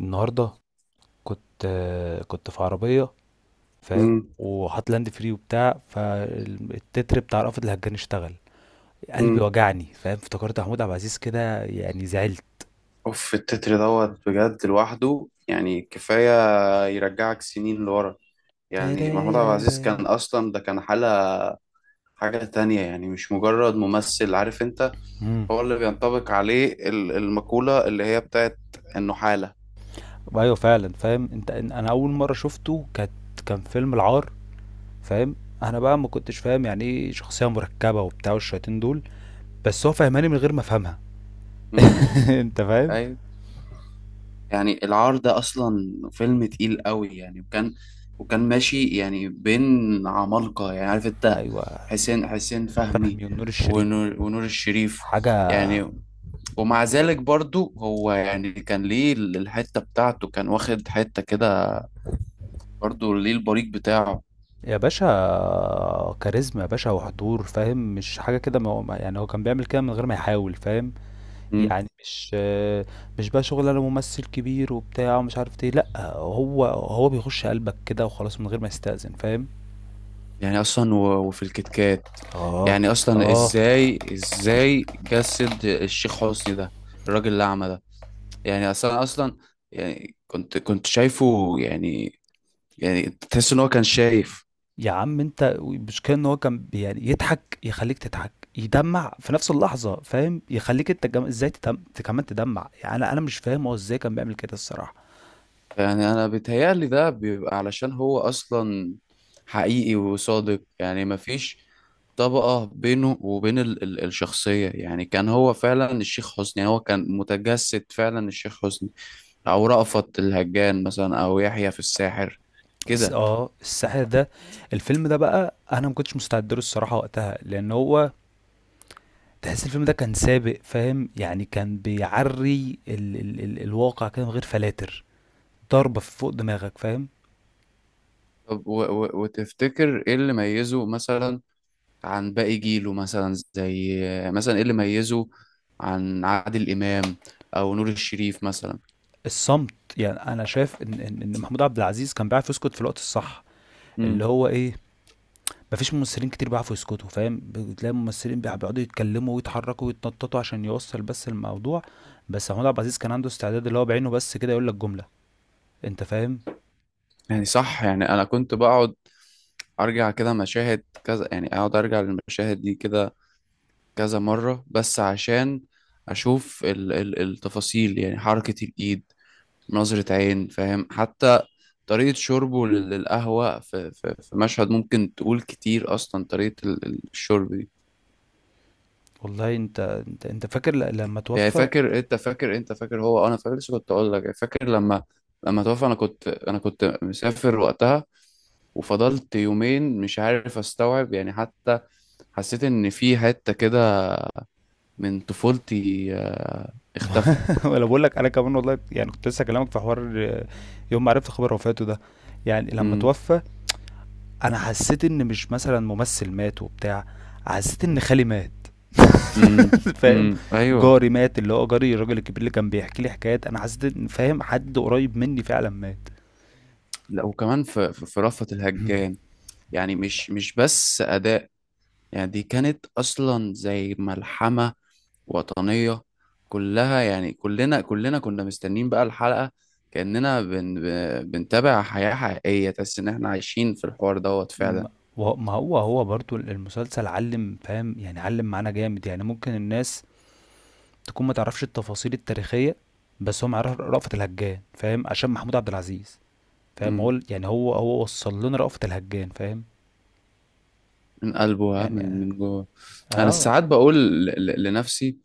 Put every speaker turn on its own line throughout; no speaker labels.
النهارده كنت في عربيه، فاهم؟
مم.
وحاطط لاند فري وبتاع، فالتتر بتاع رأفت الهجان اشتغل، قلبي
مم.
وجعني فاهم. افتكرت محمود عبد العزيز كده، يعني زعلت.
اوف التتر دوت بجد لوحده يعني كفاية يرجعك سنين لورا. يعني محمود عبد العزيز كان أصلا ده كان حالة، حاجة تانية يعني مش مجرد ممثل، عارف انت.
امم.
هو اللي بينطبق عليه المقولة اللي هي بتاعت انه حالة.
ايوه فعلا، فاهم انت؟ انا اول مره شفته كانت كان فيلم العار، فاهم؟ انا بقى ما كنتش فاهم يعني ايه شخصيه مركبه وبتاع والشياطين دول، بس هو فهماني من غير ما افهمها.
مم.
انت فاهم؟
ايوه. يعني العار ده اصلا فيلم تقيل قوي يعني، وكان ماشي يعني بين عمالقة، يعني عارف انت.
ايوه،
حسين فهمي،
فهمي والنور الشريف،
ونور الشريف.
حاجه.
يعني ومع ذلك برضو هو يعني كان ليه الحتة بتاعته، كان واخد حتة كده، برضو ليه البريق بتاعه.
يا باشا كاريزما يا باشا، وحضور، فاهم؟ مش حاجة كده، ما هو- ما- يعني هو كان بيعمل كده من غير ما يحاول، فاهم؟
مم.
يعني مش بقى شغل انا ممثل كبير وبتاع ومش عارف ايه، لا. هو بيخش قلبك كده وخلاص من غير ما يستأذن، فاهم؟
يعني أصلا و- وفي الكتكات،
اه،
يعني أصلا
اه.
إزاي جسد الشيخ حسني ده، الراجل الأعمى ده. يعني أصلا، يعني كنت شايفه يعني، يعني تحس إن هو كان شايف.
يا عم انت، مش كان هو كان يعني يضحك يخليك تضحك، يدمع في نفس اللحظة، فاهم؟ يخليك انت ازاي كمان تدمع. يعني انا مش فاهم هو ازاي كان بيعمل كده الصراحة.
يعني انا بيتهيألي ده بيبقى علشان هو اصلا حقيقي وصادق، يعني مفيش طبقة بينه وبين ال الشخصية، يعني كان هو فعلا الشيخ حسني، يعني هو كان متجسد فعلا الشيخ حسني، او رأفت الهجان مثلا، او يحيى في الساحر كده.
اه، الساحر ده، الفيلم ده بقى انا ما كنتش مستعد له الصراحه وقتها، لان هو تحس الفيلم ده كان سابق، فاهم؟ يعني كان بيعري ال ال ال الواقع كده من غير فلاتر، ضربه في فوق دماغك، فاهم؟
طب و و وتفتكر ايه اللي ميزه مثلا عن باقي جيله، مثلا زي مثلا، ايه اللي ميزه عن عادل امام او نور الشريف مثلا؟
الصمت. يعني انا شايف إن محمود عبد العزيز كان بيعرف يسكت في الوقت الصح، اللي
امم
هو ايه، مفيش ممثلين كتير بيعرفوا يسكتوا، فاهم؟ بتلاقي ممثلين بيقعدوا يتكلموا ويتحركوا ويتنططوا عشان يوصل بس الموضوع، بس محمود عبد العزيز كان عنده استعداد اللي هو بعينه بس كده يقول لك جمله. انت فاهم؟
يعني صح. يعني انا كنت بقعد ارجع كده مشاهد كذا، يعني اقعد ارجع للمشاهد دي كده كذا مرة، بس عشان اشوف ال التفاصيل، يعني حركة الايد، نظرة عين، فاهم، حتى طريقة شربه للقهوة، في مشهد ممكن تقول كتير اصلا طريقة الشرب دي.
والله انت، انت فاكر لما
يعني
توفى؟
فاكر انت فاكر انت فاكر هو انا فاكر، لسه كنت اقول لك يعني، فاكر لما توفى، انا كنت، مسافر وقتها، وفضلت يومين مش عارف استوعب يعني، حتى حسيت ان في حتة كده من طفولتي اختفت.
ولا بقول لك انا كمان والله، يعني كنت لسه اكلمك في حوار يوم ما عرفت خبر وفاته ده. يعني لما
امم.
توفى انا حسيت ان مش مثلا ممثل مات وبتاع، حسيت ان خالي مات.
امم. امم.
فاهم؟
ايوه.
جاري مات، اللي هو جاري الراجل الكبير اللي كان بيحكي لي حكايات. انا حسيت، ان فاهم، حد قريب مني فعلا مات.
لا، وكمان في في رأفت الهجان، يعني مش بس أداء، يعني دي كانت أصلا زي ملحمة وطنية كلها، يعني كلنا كنا مستنين بقى الحلقة كأننا بنتابع حياة حقيقية، تحس إن إحنا عايشين في الحوار دوت فعلا.
ما ما هو برضو المسلسل علم، فاهم؟ يعني علم معانا جامد. يعني ممكن الناس تكون ما تعرفش التفاصيل التاريخية، بس هو مع رأفت الهجان، فاهم؟ عشان محمود عبد العزيز، فاهم؟
امم،
يعني هو وصل لنا رأفت الهجان، فاهم؟
من قلبه ها، من
يعني
من جوه. أنا
اه.
ساعات بقول لنفسي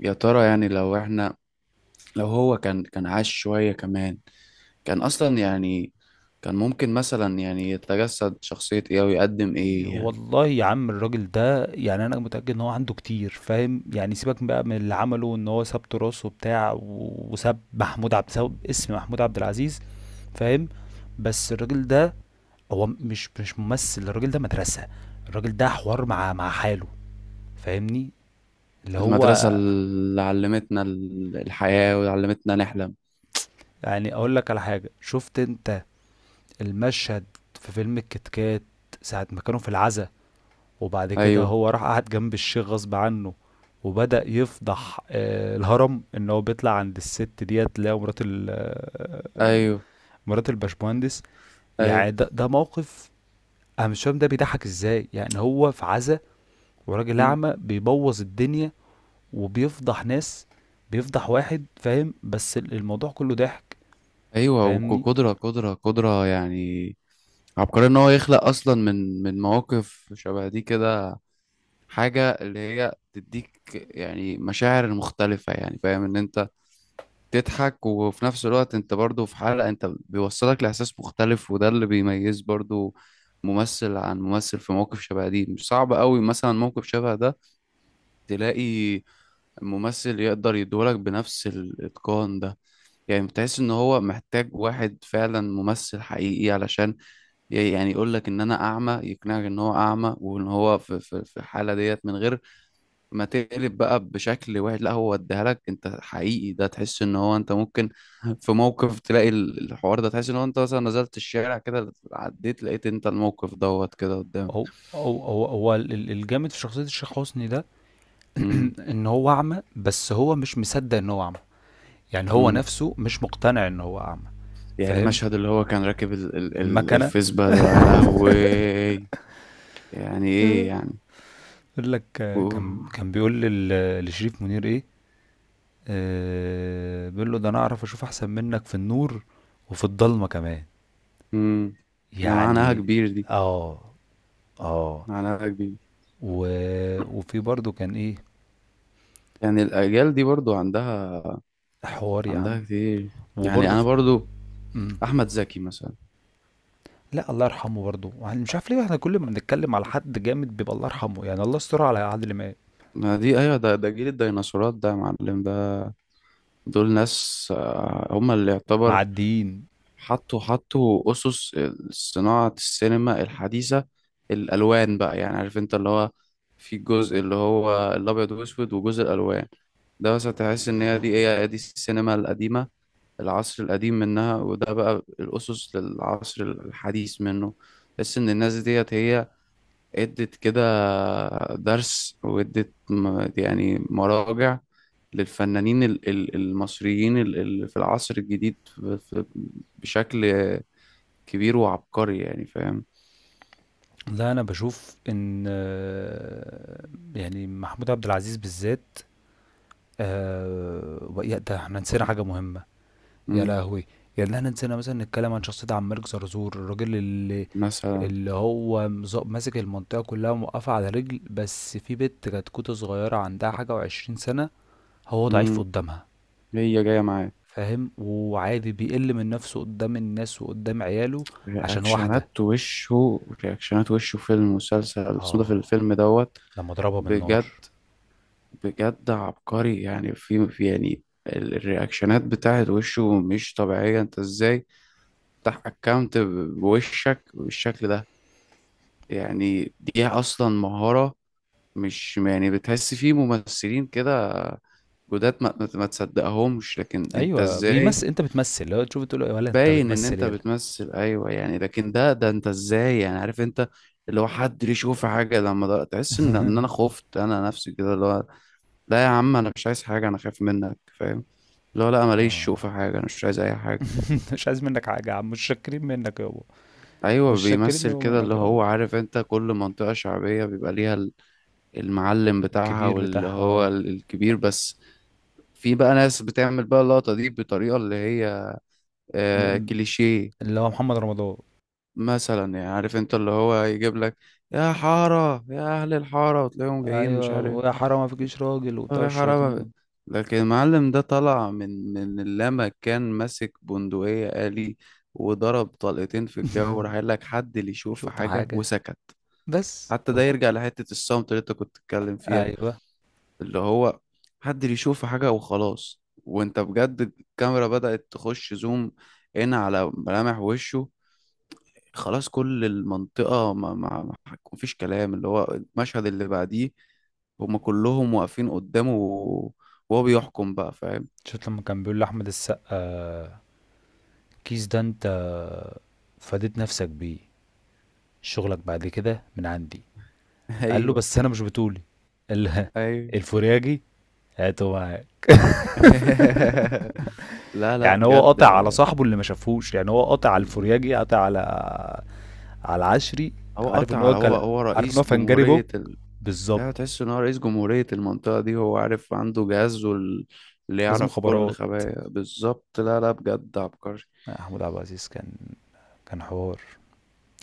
يا ترى، يعني لو إحنا، لو هو كان عاش شوية كمان، كان أصلا يعني كان ممكن مثلا يعني يتجسد شخصية إيه أو يقدم إيه، يعني.
والله يا عم، الراجل ده، يعني انا متأكد ان هو عنده كتير، فاهم؟ يعني سيبك بقى من اللي عمله، ان هو ساب تراثه بتاع، وساب محمود عبد، ساب اسم محمود عبد العزيز، فاهم؟ بس الراجل ده، هو مش ممثل، الراجل ده مدرسة. الراجل ده حوار مع حاله، فاهمني؟ اللي هو،
المدرسة اللي علمتنا الحياة وعلمتنا نحلم.
يعني اقول لك على حاجه. شفت انت المشهد في فيلم الكتكات، ساعه ما كانوا في العزا، وبعد كده
أيوه.
هو راح قعد جنب الشيخ غصب عنه، وبدأ يفضح الهرم، ان هو بيطلع عند الست ديت اللي هي مرات
أيوه.
مرات الباشمهندس.
أيوه.
يعني ده موقف، انا مش فاهم ده بيضحك ازاي، يعني هو في عزا، وراجل
مم.
اعمى بيبوظ الدنيا، وبيفضح ناس، بيفضح واحد، فاهم؟ بس الموضوع كله ضحك،
أيوه.
فاهمني؟
وقدرة، قدرة قدرة يعني عبقرية، إن هو يخلق أصلا من مواقف شبه دي كده حاجة اللي هي تديك يعني مشاعر مختلفة، يعني فاهم إن أنت تضحك وفي نفس الوقت انت برضو في حلقة، انت بيوصلك لإحساس مختلف، وده اللي بيميز برضو ممثل عن ممثل. في مواقف شبه دي مش صعب قوي، مثلا موقف شبه ده، تلاقي ممثل يقدر يدولك بنفس الإتقان ده؟ يعني بتحس ان هو محتاج واحد فعلا ممثل حقيقي علشان يعني يقولك ان انا اعمى، يقنعك ان هو اعمى، وان هو في الحالة ديت، من غير ما تقلب بقى بشكل واحد، لا، هو اديها لك انت حقيقي. ده تحس ان هو انت ممكن في موقف تلاقي الحوار ده، تحس ان هو انت مثلا نزلت الشارع كده عديت لقيت انت الموقف دوت كده قدامك.
هو، هو الجامد في شخصية الشيخ حسني ده،
امم.
ان هو اعمى بس هو مش مصدق ان هو اعمى. يعني هو
امم.
نفسه مش مقتنع ان هو اعمى،
يعني
فاهم؟
مشهد اللي هو كان راكب ال
المكنة!
الفيسبا ده يا لهوي، يعني ايه يعني!
يقول لك كان
اوه.
كان بيقول لشريف منير ايه، بيقول له ده انا اعرف اشوف احسن منك في النور وفي الضلمة كمان،
امم. ده معناها
يعني.
كبير دي،
اه، اه.
معناها كبير.
و... وفي برضو كان ايه،
يعني الاجيال دي برضو عندها
حوار يا عم،
عندها كتير، يعني
وبرضو
انا
في...
برضو احمد زكي مثلا.
لأ، الله يرحمه برضه، يعني مش عارف ليه إحنا كل ما بنتكلّم على حد جامد بيبقى الله يرحمه، يعني الله يسترها على عادل إمام،
ما دي ايوه، ده جيل الديناصورات ده يا معلم، ده دول ناس هم اللي يعتبر
معدّيين.
حطوا حطوا اسس صناعة السينما الحديثة. الالوان بقى يعني عارف انت اللي هو في جزء اللي هو الابيض والاسود وجزء الالوان، ده بس هتحس ان هي دي ايه، دي السينما القديمة، العصر القديم منها، وده بقى الاسس للعصر الحديث منه. تحس ان الناس ديت هي ادت كده درس، وادت يعني مراجع للفنانين المصريين في العصر الجديد بشكل كبير وعبقري، يعني فاهم.
لا، أنا باشوف إن يعني محمود عبد العزيز بالذات، ويا ده إحنا نسينا حاجة مهمة، يا
مم.
لهوي! يعني إحنا نسينا مثلًا نتكلّم عن شخصية عبد الملك زرزور، الراجل اللي،
مثلا.
اللي هو ماسك المنطقة كلّها وموقّفها على رجل، بس في بنت كتكوتة صغيّرة عندها حاجة و20 سَنة، هو ضعيف
مم.
قدّامها.
هي جاية معايا
فاهم؟ وعادي بيقل من نفسه قدام الناس وقدام عياله عشان واحدة.
رياكشنات وشه في المسلسل اسمه ده في
اه،
الفيلم دوت.
لما ضربها بالنار.
بجد، بجد عبقري يعني، يعني الرياكشنات بتاعت وشه مش طبيعية. انت ازاي تفتح اكونت بوشك بالشكل ده؟ يعني دي اصلا مهارة. مش يعني بتحس في ممثلين كده جداد ما تصدقهمش، لكن انت
ايوه
ازاي
بيمثل، انت بتمثل لو تشوف تقول له ولا انت
باين ان
بتمثل،
انت
يالا.
بتمثل، ايوه يعني. لكن ده ده انت ازاي يعني، عارف انت اللي هو حد ليه يشوف حاجة، لما ده تحس ان انا خفت انا نفسي، كده اللي هو لا يا عم انا مش عايز حاجة، انا خايف منك فاهم. اللي هو لا ماليش، شوف
اه.
في حاجة، انا مش عايز اي حاجة.
مش عايز منك حاجة يا عم، مش شاكرين منك يابا،
ايوه
مش شاكرين
بيمثل
يابا
كده اللي
منك
هو،
يابا.
عارف انت، كل منطقة شعبية بيبقى ليها المعلم بتاعها،
الكبير
واللي
بتاعها،
هو
آه.
الكبير بس. في بقى ناس بتعمل بقى اللقطة دي بطريقة اللي هي آه
م-
كليشيه
اللي هو محمد رمضان.
مثلا، يعني عارف انت اللي هو يجيب لك يا حارة يا أهل الحارة، وتلاقيهم جايين
ايوه،
مش عارف،
ويا حرام ما فيكيش راجل
ما
وبتاع
في حارة
الشياطين
ما
دول.
لكن المعلم ده طلع من، لما كان ماسك بندقية آلي وضرب طلقتين في الجو، راح قال لك حد اللي يشوف في
شوف
حاجة،
حاجة
وسكت.
بس
حتى ده يرجع لحتة الصمت اللي انت كنت بتتكلم فيها،
ايوه.
اللي هو محدش يشوف حاجة وخلاص. وانت بجد الكاميرا بدأت تخش زوم هنا على ملامح وشه، خلاص كل المنطقة ما هيكون فيش كلام، اللي هو المشهد اللي بعديه، هما كلهم واقفين قدامه وهو بيحكم بقى، فاهم.
شفت لما كان بيقول لأحمد السقا، كيس ده انت فاديت نفسك بيه، شغلك بعد كده من عندي، قال له
ايوه.
بس انا مش بتولي ال-
ايوه.
الفورياجي، هاته معاك.
لا، لا،
يعني هو
بجد.
قاطع على صاحبه اللي ما شافهوش، يعني هو قاطع على الفورياجي، قاطع على على العشري.
هو
عارف
قطع
ان
على، هو هو
عارف ان هو
رئيس
فنجاري بوب،
جمهورية.
بالظبط،
ايوه تحس ان هو رئيس جمهورية المنطقة دي، هو عارف، عنده جهاز اللي
جزم
يعرف كل
مخابرات.
خبايا بالظبط. لا، لا، بجد عبقري.
محمود عبد العزيز كان، كان حوار.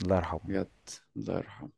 الله يرحمه.
بجد الله يرحمه.